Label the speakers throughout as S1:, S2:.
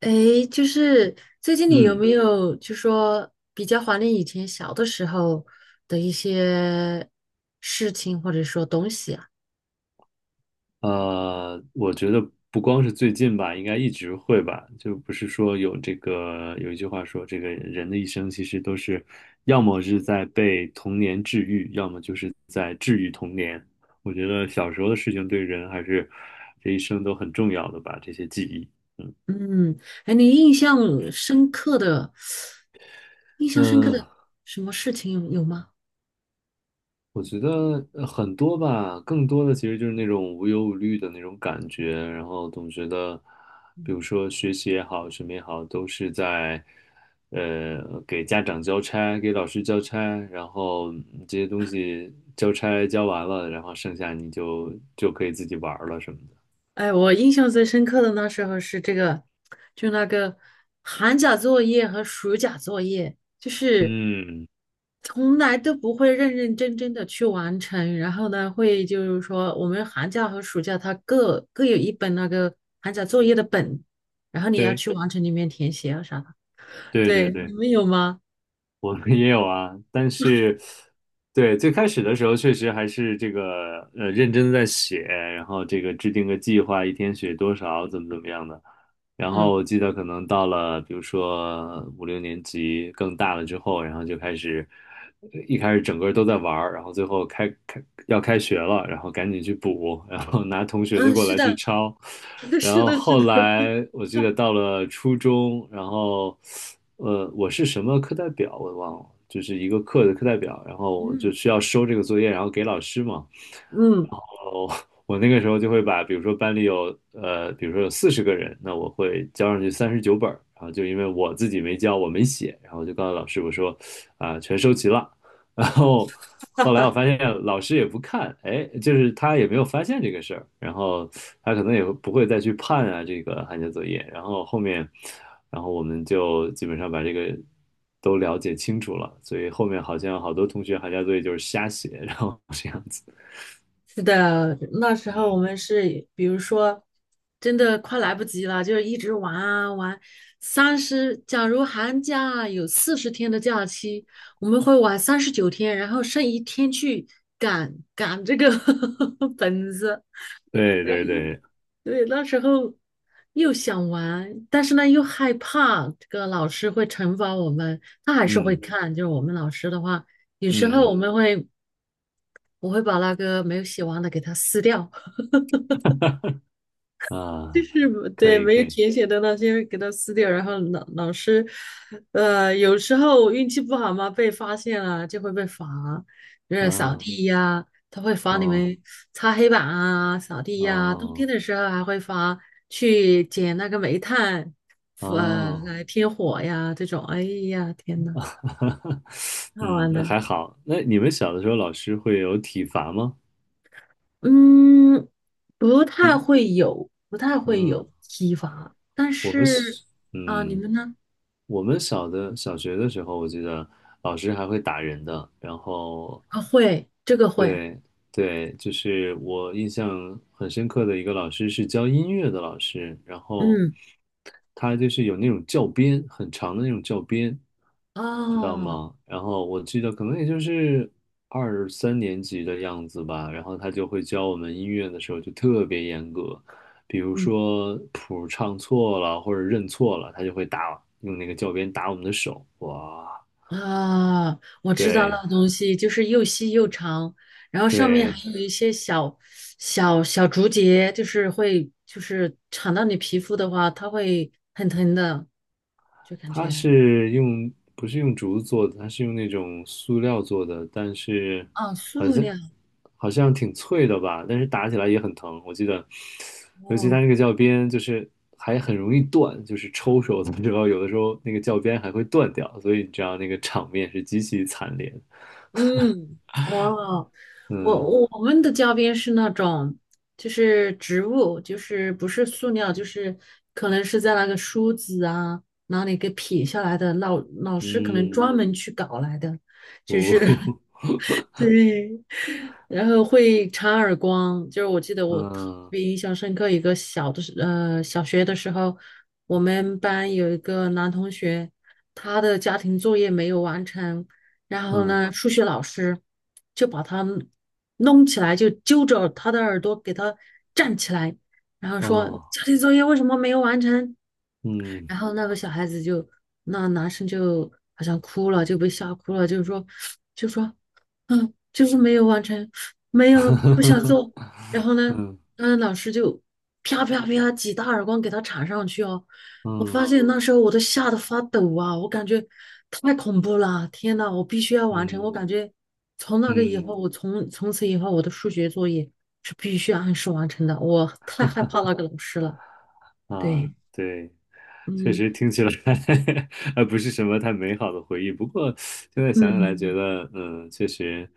S1: 诶，就是最近你有
S2: 嗯，
S1: 没有就说比较怀念以前小的时候的一些事情或者说东西啊？
S2: 我觉得不光是最近吧，应该一直会吧。就不是说有这个有一句话说，这个人的一生其实都是，要么是在被童年治愈，要么就是在治愈童年。我觉得小时候的事情对人还是这一生都很重要的吧，这些记忆。
S1: 嗯，哎，你深刻的、印象深刻
S2: 嗯，
S1: 的什么事情有吗？
S2: 我觉得很多吧，更多的其实就是那种无忧无虑的那种感觉，然后总觉得，比如说学习也好，什么也好，都是在，给家长交差，给老师交差，然后这些东西交差交完了，然后剩下你就可以自己玩儿了什么的。
S1: 哎，我印象最深刻的那时候是这个，就那个寒假作业和暑假作业，就是
S2: 嗯，
S1: 从来都不会认认真真的去完成。然后呢，会就是说我们寒假和暑假它各有一本那个寒假作业的本，然后你要
S2: 对
S1: 去完成里面填写啊啥的。
S2: 对对
S1: 对，你
S2: 对。
S1: 们有吗？
S2: 我们也有啊，但是，对，最开始的时候确实还是这个认真地在写，然后这个制定个计划，一天写多少，怎么怎么样的。然
S1: 嗯
S2: 后我记得可能到了比如说五六年级更大了之后，然后就开始一开始整个都在玩儿，然后最后要开学了，然后赶紧去补，然后拿同学
S1: 嗯，
S2: 的
S1: 啊
S2: 过
S1: 是
S2: 来去
S1: 的，
S2: 抄。然
S1: 是
S2: 后
S1: 的，是
S2: 后
S1: 的，
S2: 来我记得到了初中，然后我是什么课代表我忘了，就是一个课的课代表，然后我就
S1: 嗯
S2: 需要收这个作业，然后给老师嘛。
S1: 嗯。
S2: 哦，我那个时候就会把，比如说班里有,比如说有四十个人，那我会交上去三十九本儿，然后就因为我自己没交，我没写，然后我就告诉老师我说啊、全收齐了，然后后来我发现老师也不看，哎，就是他也没有发现这个事儿，然后他可能也不会再去判啊这个寒假作业，然后后面，然后我们就基本上把这个都了解清楚了，所以后面好像好多同学寒假作业就是瞎写，然后这样子，
S1: 是的，那时候我们是，比如说，真的快来不及了，就是一直玩啊玩。假如寒假有40天的假期，我们会玩39天，然后剩一天去赶赶这个 本子。
S2: 对对对。
S1: 对，那时候又想玩，但是呢又害怕这个老师会惩罚我们，他还是会
S2: 嗯
S1: 看。就是我们老师的话，有时候
S2: 嗯
S1: 我们会，我会把那个没有写完的给他撕掉。就
S2: 啊，
S1: 是
S2: 可
S1: 对
S2: 以
S1: 没
S2: 可
S1: 有
S2: 以
S1: 填写的那些给它撕掉，然后老师，有时候运气不好嘛，被发现了就会被罚，就是扫
S2: 啊
S1: 地呀，他会罚你
S2: 哦
S1: 们擦黑板啊、扫地呀，冬天
S2: 哦
S1: 的时候还会罚去捡那个煤炭，
S2: 哦，
S1: 来添火呀这种。哎呀，天呐，好
S2: 嗯，
S1: 玩
S2: 那
S1: 的，
S2: 还好。那你们小的时候老师会有体罚吗？
S1: 嗯，不太
S2: 嗯
S1: 会有，不太会
S2: 嗯，
S1: 有体罚，但
S2: 我们
S1: 是
S2: 是
S1: 啊，你
S2: 嗯。
S1: 们呢？
S2: 我们小的小学的时候，我记得老师还会打人的，然后
S1: 啊，会，这个会，
S2: 对对，就是我印象很深刻的一个老师是教音乐的老师，然后
S1: 嗯，
S2: 他就是有那种教鞭，很长的那种教鞭，知道
S1: 哦，
S2: 吗？然后我记得可能也就是二三年级的样子吧，然后他就会教我们音乐的时候就特别严格，比如
S1: 嗯
S2: 说谱唱错了或者认错了，他就会打，用那个教鞭打我们的手，哇，
S1: 啊，我知道
S2: 对
S1: 那东西就是又细又长，然后上面
S2: 对。
S1: 还有一些小小竹节，就是会就是缠到你皮肤的话，它会很疼的，就感
S2: 它
S1: 觉
S2: 是用，不是用竹子做的，它是用那种塑料做的，但是
S1: 啊，塑料，
S2: 好像挺脆的吧，但是打起来也很疼。我记得，尤其
S1: 哦，
S2: 它那个教鞭，就是还很容易断，就是抽手的时候，有的时候那个教鞭还会断掉，所以你知道那个场面是极其惨烈的
S1: 嗯，哇，我们的教鞭是那种，就是植物，就是不是塑料，就是可能是在那个梳子啊哪里给撇下来的，老师可能专门去搞来的，就是 对，然后会插耳光，就是我记得我特
S2: 嗯
S1: 别印象深刻，一个小学的时候，我们班有一个男同学，他的家庭作业没有完成，然后
S2: 嗯
S1: 呢，数学老师就把他弄起来，就揪着他的耳朵给他站起来，然后说
S2: 哦，
S1: 家庭作业为什么没有完成？
S2: 嗯
S1: 然后那个小孩子就，那男生就好像哭了，就被吓哭了，就是说，就说嗯，就是没有完成，没有不想做。然后呢，
S2: 嗯
S1: 老师就啪啪啪几大耳光给他铲上去哦。我发
S2: 哦
S1: 现那时候我都吓得发抖啊，我感觉太恐怖了，天呐，我必须要
S2: 嗯
S1: 完成。
S2: 嗯
S1: 我感
S2: 嗯
S1: 觉从那个以
S2: 嗯
S1: 后，从此以后我的数学作业是必须按时完成的。我 太害怕那个老师了。
S2: 嗯啊，
S1: 对，
S2: 对。确
S1: 嗯
S2: 实听起来 不是什么太美好的回忆，不过现在想起来觉
S1: 嗯
S2: 得，嗯，确实，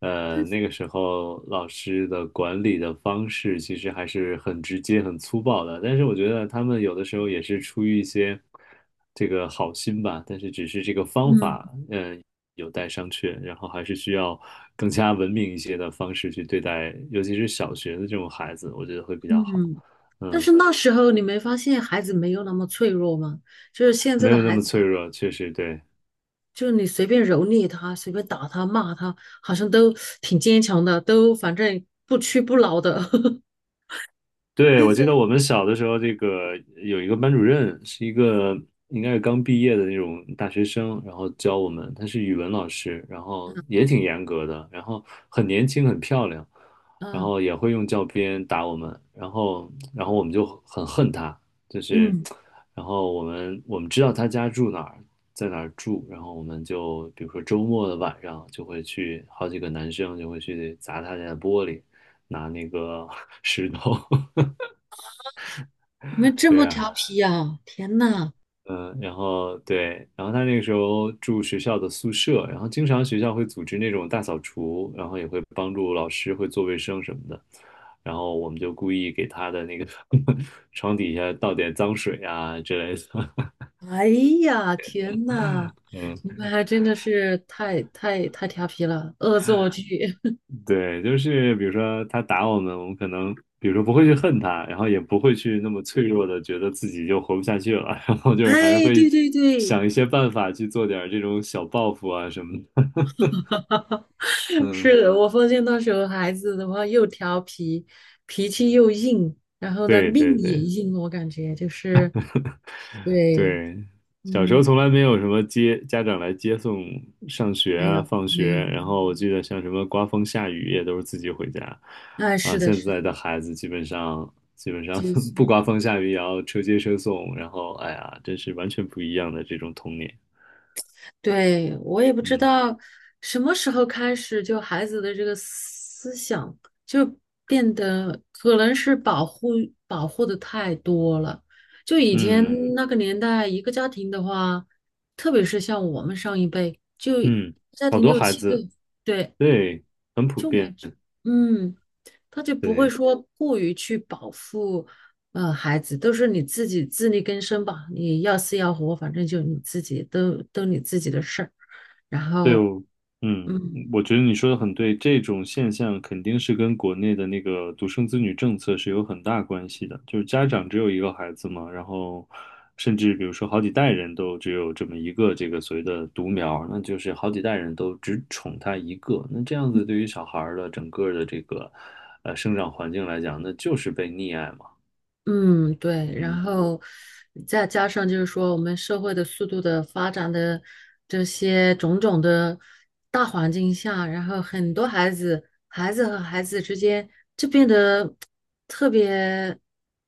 S2: 那个时候老师的管理的方式其实还是很直接、很粗暴的，但是我觉得他们有的时候也是出于一些这个好心吧，但是只是这个方
S1: 嗯
S2: 法，嗯，有待商榷，然后还是需要更加文明一些的方式去对待，尤其是小学的这种孩子，我觉得会比较好，
S1: 嗯。但
S2: 嗯，
S1: 是那时候你没发现孩子没有那么脆弱吗？就是现在
S2: 没
S1: 的
S2: 有那
S1: 孩
S2: 么
S1: 子。
S2: 脆弱，确实对。
S1: 就是你随便蹂躏他，随便打他、骂他，好像都挺坚强的，都反正不屈不挠的。
S2: 对，
S1: 现
S2: 我
S1: 在
S2: 记得我们小的时候，这个有一个班主任，是一个应该是刚毕业的那种大学生，然后教我们，他是语文老师，然后也挺严格的，然后很年轻，很漂亮，然
S1: 啊，
S2: 后也会用教鞭打我们，然后我们就很恨他，就
S1: 嗯
S2: 是，
S1: 嗯，
S2: 然后我们知道他家住哪儿，在哪儿住，然后我们就比如说周末的晚上就会去，好几个男生就会去砸他家的玻璃，拿那个 石头。
S1: 你们这
S2: 对
S1: 么
S2: 呀，
S1: 调皮呀、天呐，
S2: 嗯，然后对，然后他那个时候住学校的宿舍，然后经常学校会组织那种大扫除，然后也会帮助老师会做卫生什么的，然后我们就故意给他的那个 床底下倒点脏水啊之类的，
S1: 哎呀，天呐，
S2: 嗯，
S1: 你们还真的是太调皮了，恶作剧。
S2: 对，就是比如说他打我们，我们可能比如说不会去恨他，然后也不会去那么脆弱的觉得自己就活不下去了，然后就是还是
S1: 哎，
S2: 会
S1: 对对对，
S2: 想一些办法去做点儿这种小报复啊什么的，嗯。
S1: 是的，我发现那时候孩子的话又调皮，脾气又硬，然后呢
S2: 对
S1: 命
S2: 对
S1: 也
S2: 对
S1: 硬，我感觉就是对，
S2: 对，小时候
S1: 嗯。
S2: 从来没有什么接家长来接送上学
S1: 没
S2: 啊、
S1: 有，
S2: 放
S1: 没有，
S2: 学，
S1: 没有。
S2: 然后我记得像什么刮风下雨也都是自己回家，
S1: 哎，
S2: 啊，
S1: 是的，
S2: 现
S1: 是
S2: 在
S1: 的，
S2: 的孩子基本上
S1: 接
S2: 不
S1: 送。
S2: 刮风下雨也要车接车送，然后哎呀，真是完全不一样的这种童年，
S1: 对，我也不知
S2: 嗯
S1: 道什么时候开始，就孩子的这个思想就变得可能是保护的太多了。就以前
S2: 嗯
S1: 那个年代，一个家庭的话，特别是像我们上一辈，就
S2: 嗯，
S1: 家
S2: 好
S1: 庭
S2: 多
S1: 六
S2: 孩
S1: 七个，
S2: 子，
S1: 对，
S2: 对，很普
S1: 就我
S2: 遍，
S1: 嗯，他就不会
S2: 对。
S1: 说过于去保护，孩子，都是你自己自力更生吧，你要死要活，反正就你自己都你自己的事儿。然
S2: 对，
S1: 后，
S2: 哦，嗯，
S1: 嗯，
S2: 我觉得你说的很对，这种现象肯定是跟国内的那个独生子女政策是有很大关系的。就是家长只有一个孩子嘛，然后甚至比如说好几代人都只有这么一个这个所谓的独苗，那就是好几代人都只宠他一个。那这样子对于小孩儿的整个的这个生长环境来讲，那就是被溺爱嘛。
S1: 嗯，对，然
S2: 嗯
S1: 后再加上就是说，我们社会的速度的发展的这些种种的大环境下，然后很多孩子，孩子和孩子之间就变得特别，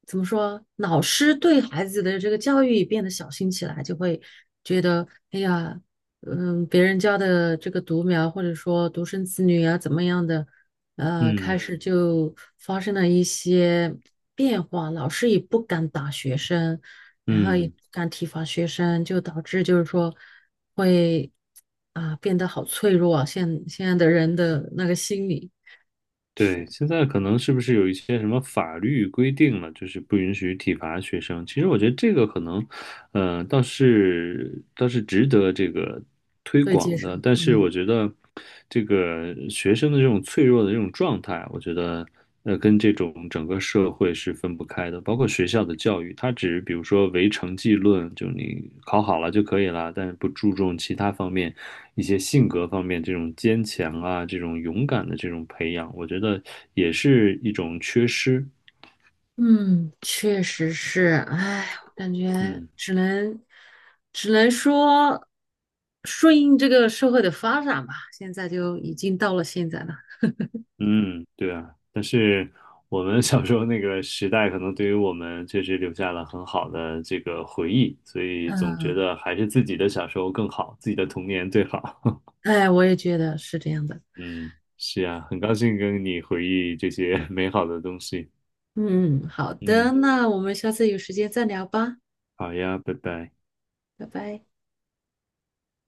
S1: 怎么说，老师对孩子的这个教育也变得小心起来，就会觉得，哎呀，别人家的这个独苗或者说独生子女啊，怎么样的。开
S2: 嗯
S1: 始就发生了一些变化，老师也不敢打学生，然后也
S2: 嗯。
S1: 不敢体罚学生，就导致就是说会啊、变得好脆弱啊，现在的人的那个心理
S2: 对，现在可能是不是有一些什么法律规定了，就是不允许体罚学生？其实我觉得这个可能，倒是值得这个推
S1: 可以接
S2: 广
S1: 受，
S2: 的。但是
S1: 嗯
S2: 我觉得这个学生的这种脆弱的这种状态，我觉得。跟这种整个社会是分不开的，包括学校的教育，它只比如说唯成绩论，就你考好了就可以了，但是不注重其他方面，一些性格方面这种坚强啊，这种勇敢的这种培养，我觉得也是一种缺失。
S1: 嗯，确实是，哎，我感觉
S2: 嗯
S1: 只能说顺应这个社会的发展吧，现在就已经到了现在了，
S2: 嗯，对啊，但是我们小时候那个时代，可能对于我们确实留下了很好的这个回忆，所以总觉
S1: 嗯，
S2: 得还是自己的小时候更好，自己的童年最好。
S1: 哎，我也觉得是这样的。
S2: 嗯，是呀，很高兴跟你回忆这些 美好的东西。
S1: 嗯，好的，
S2: 嗯，
S1: 那我们下次有时间再聊吧，
S2: 好呀，拜拜。
S1: 拜拜。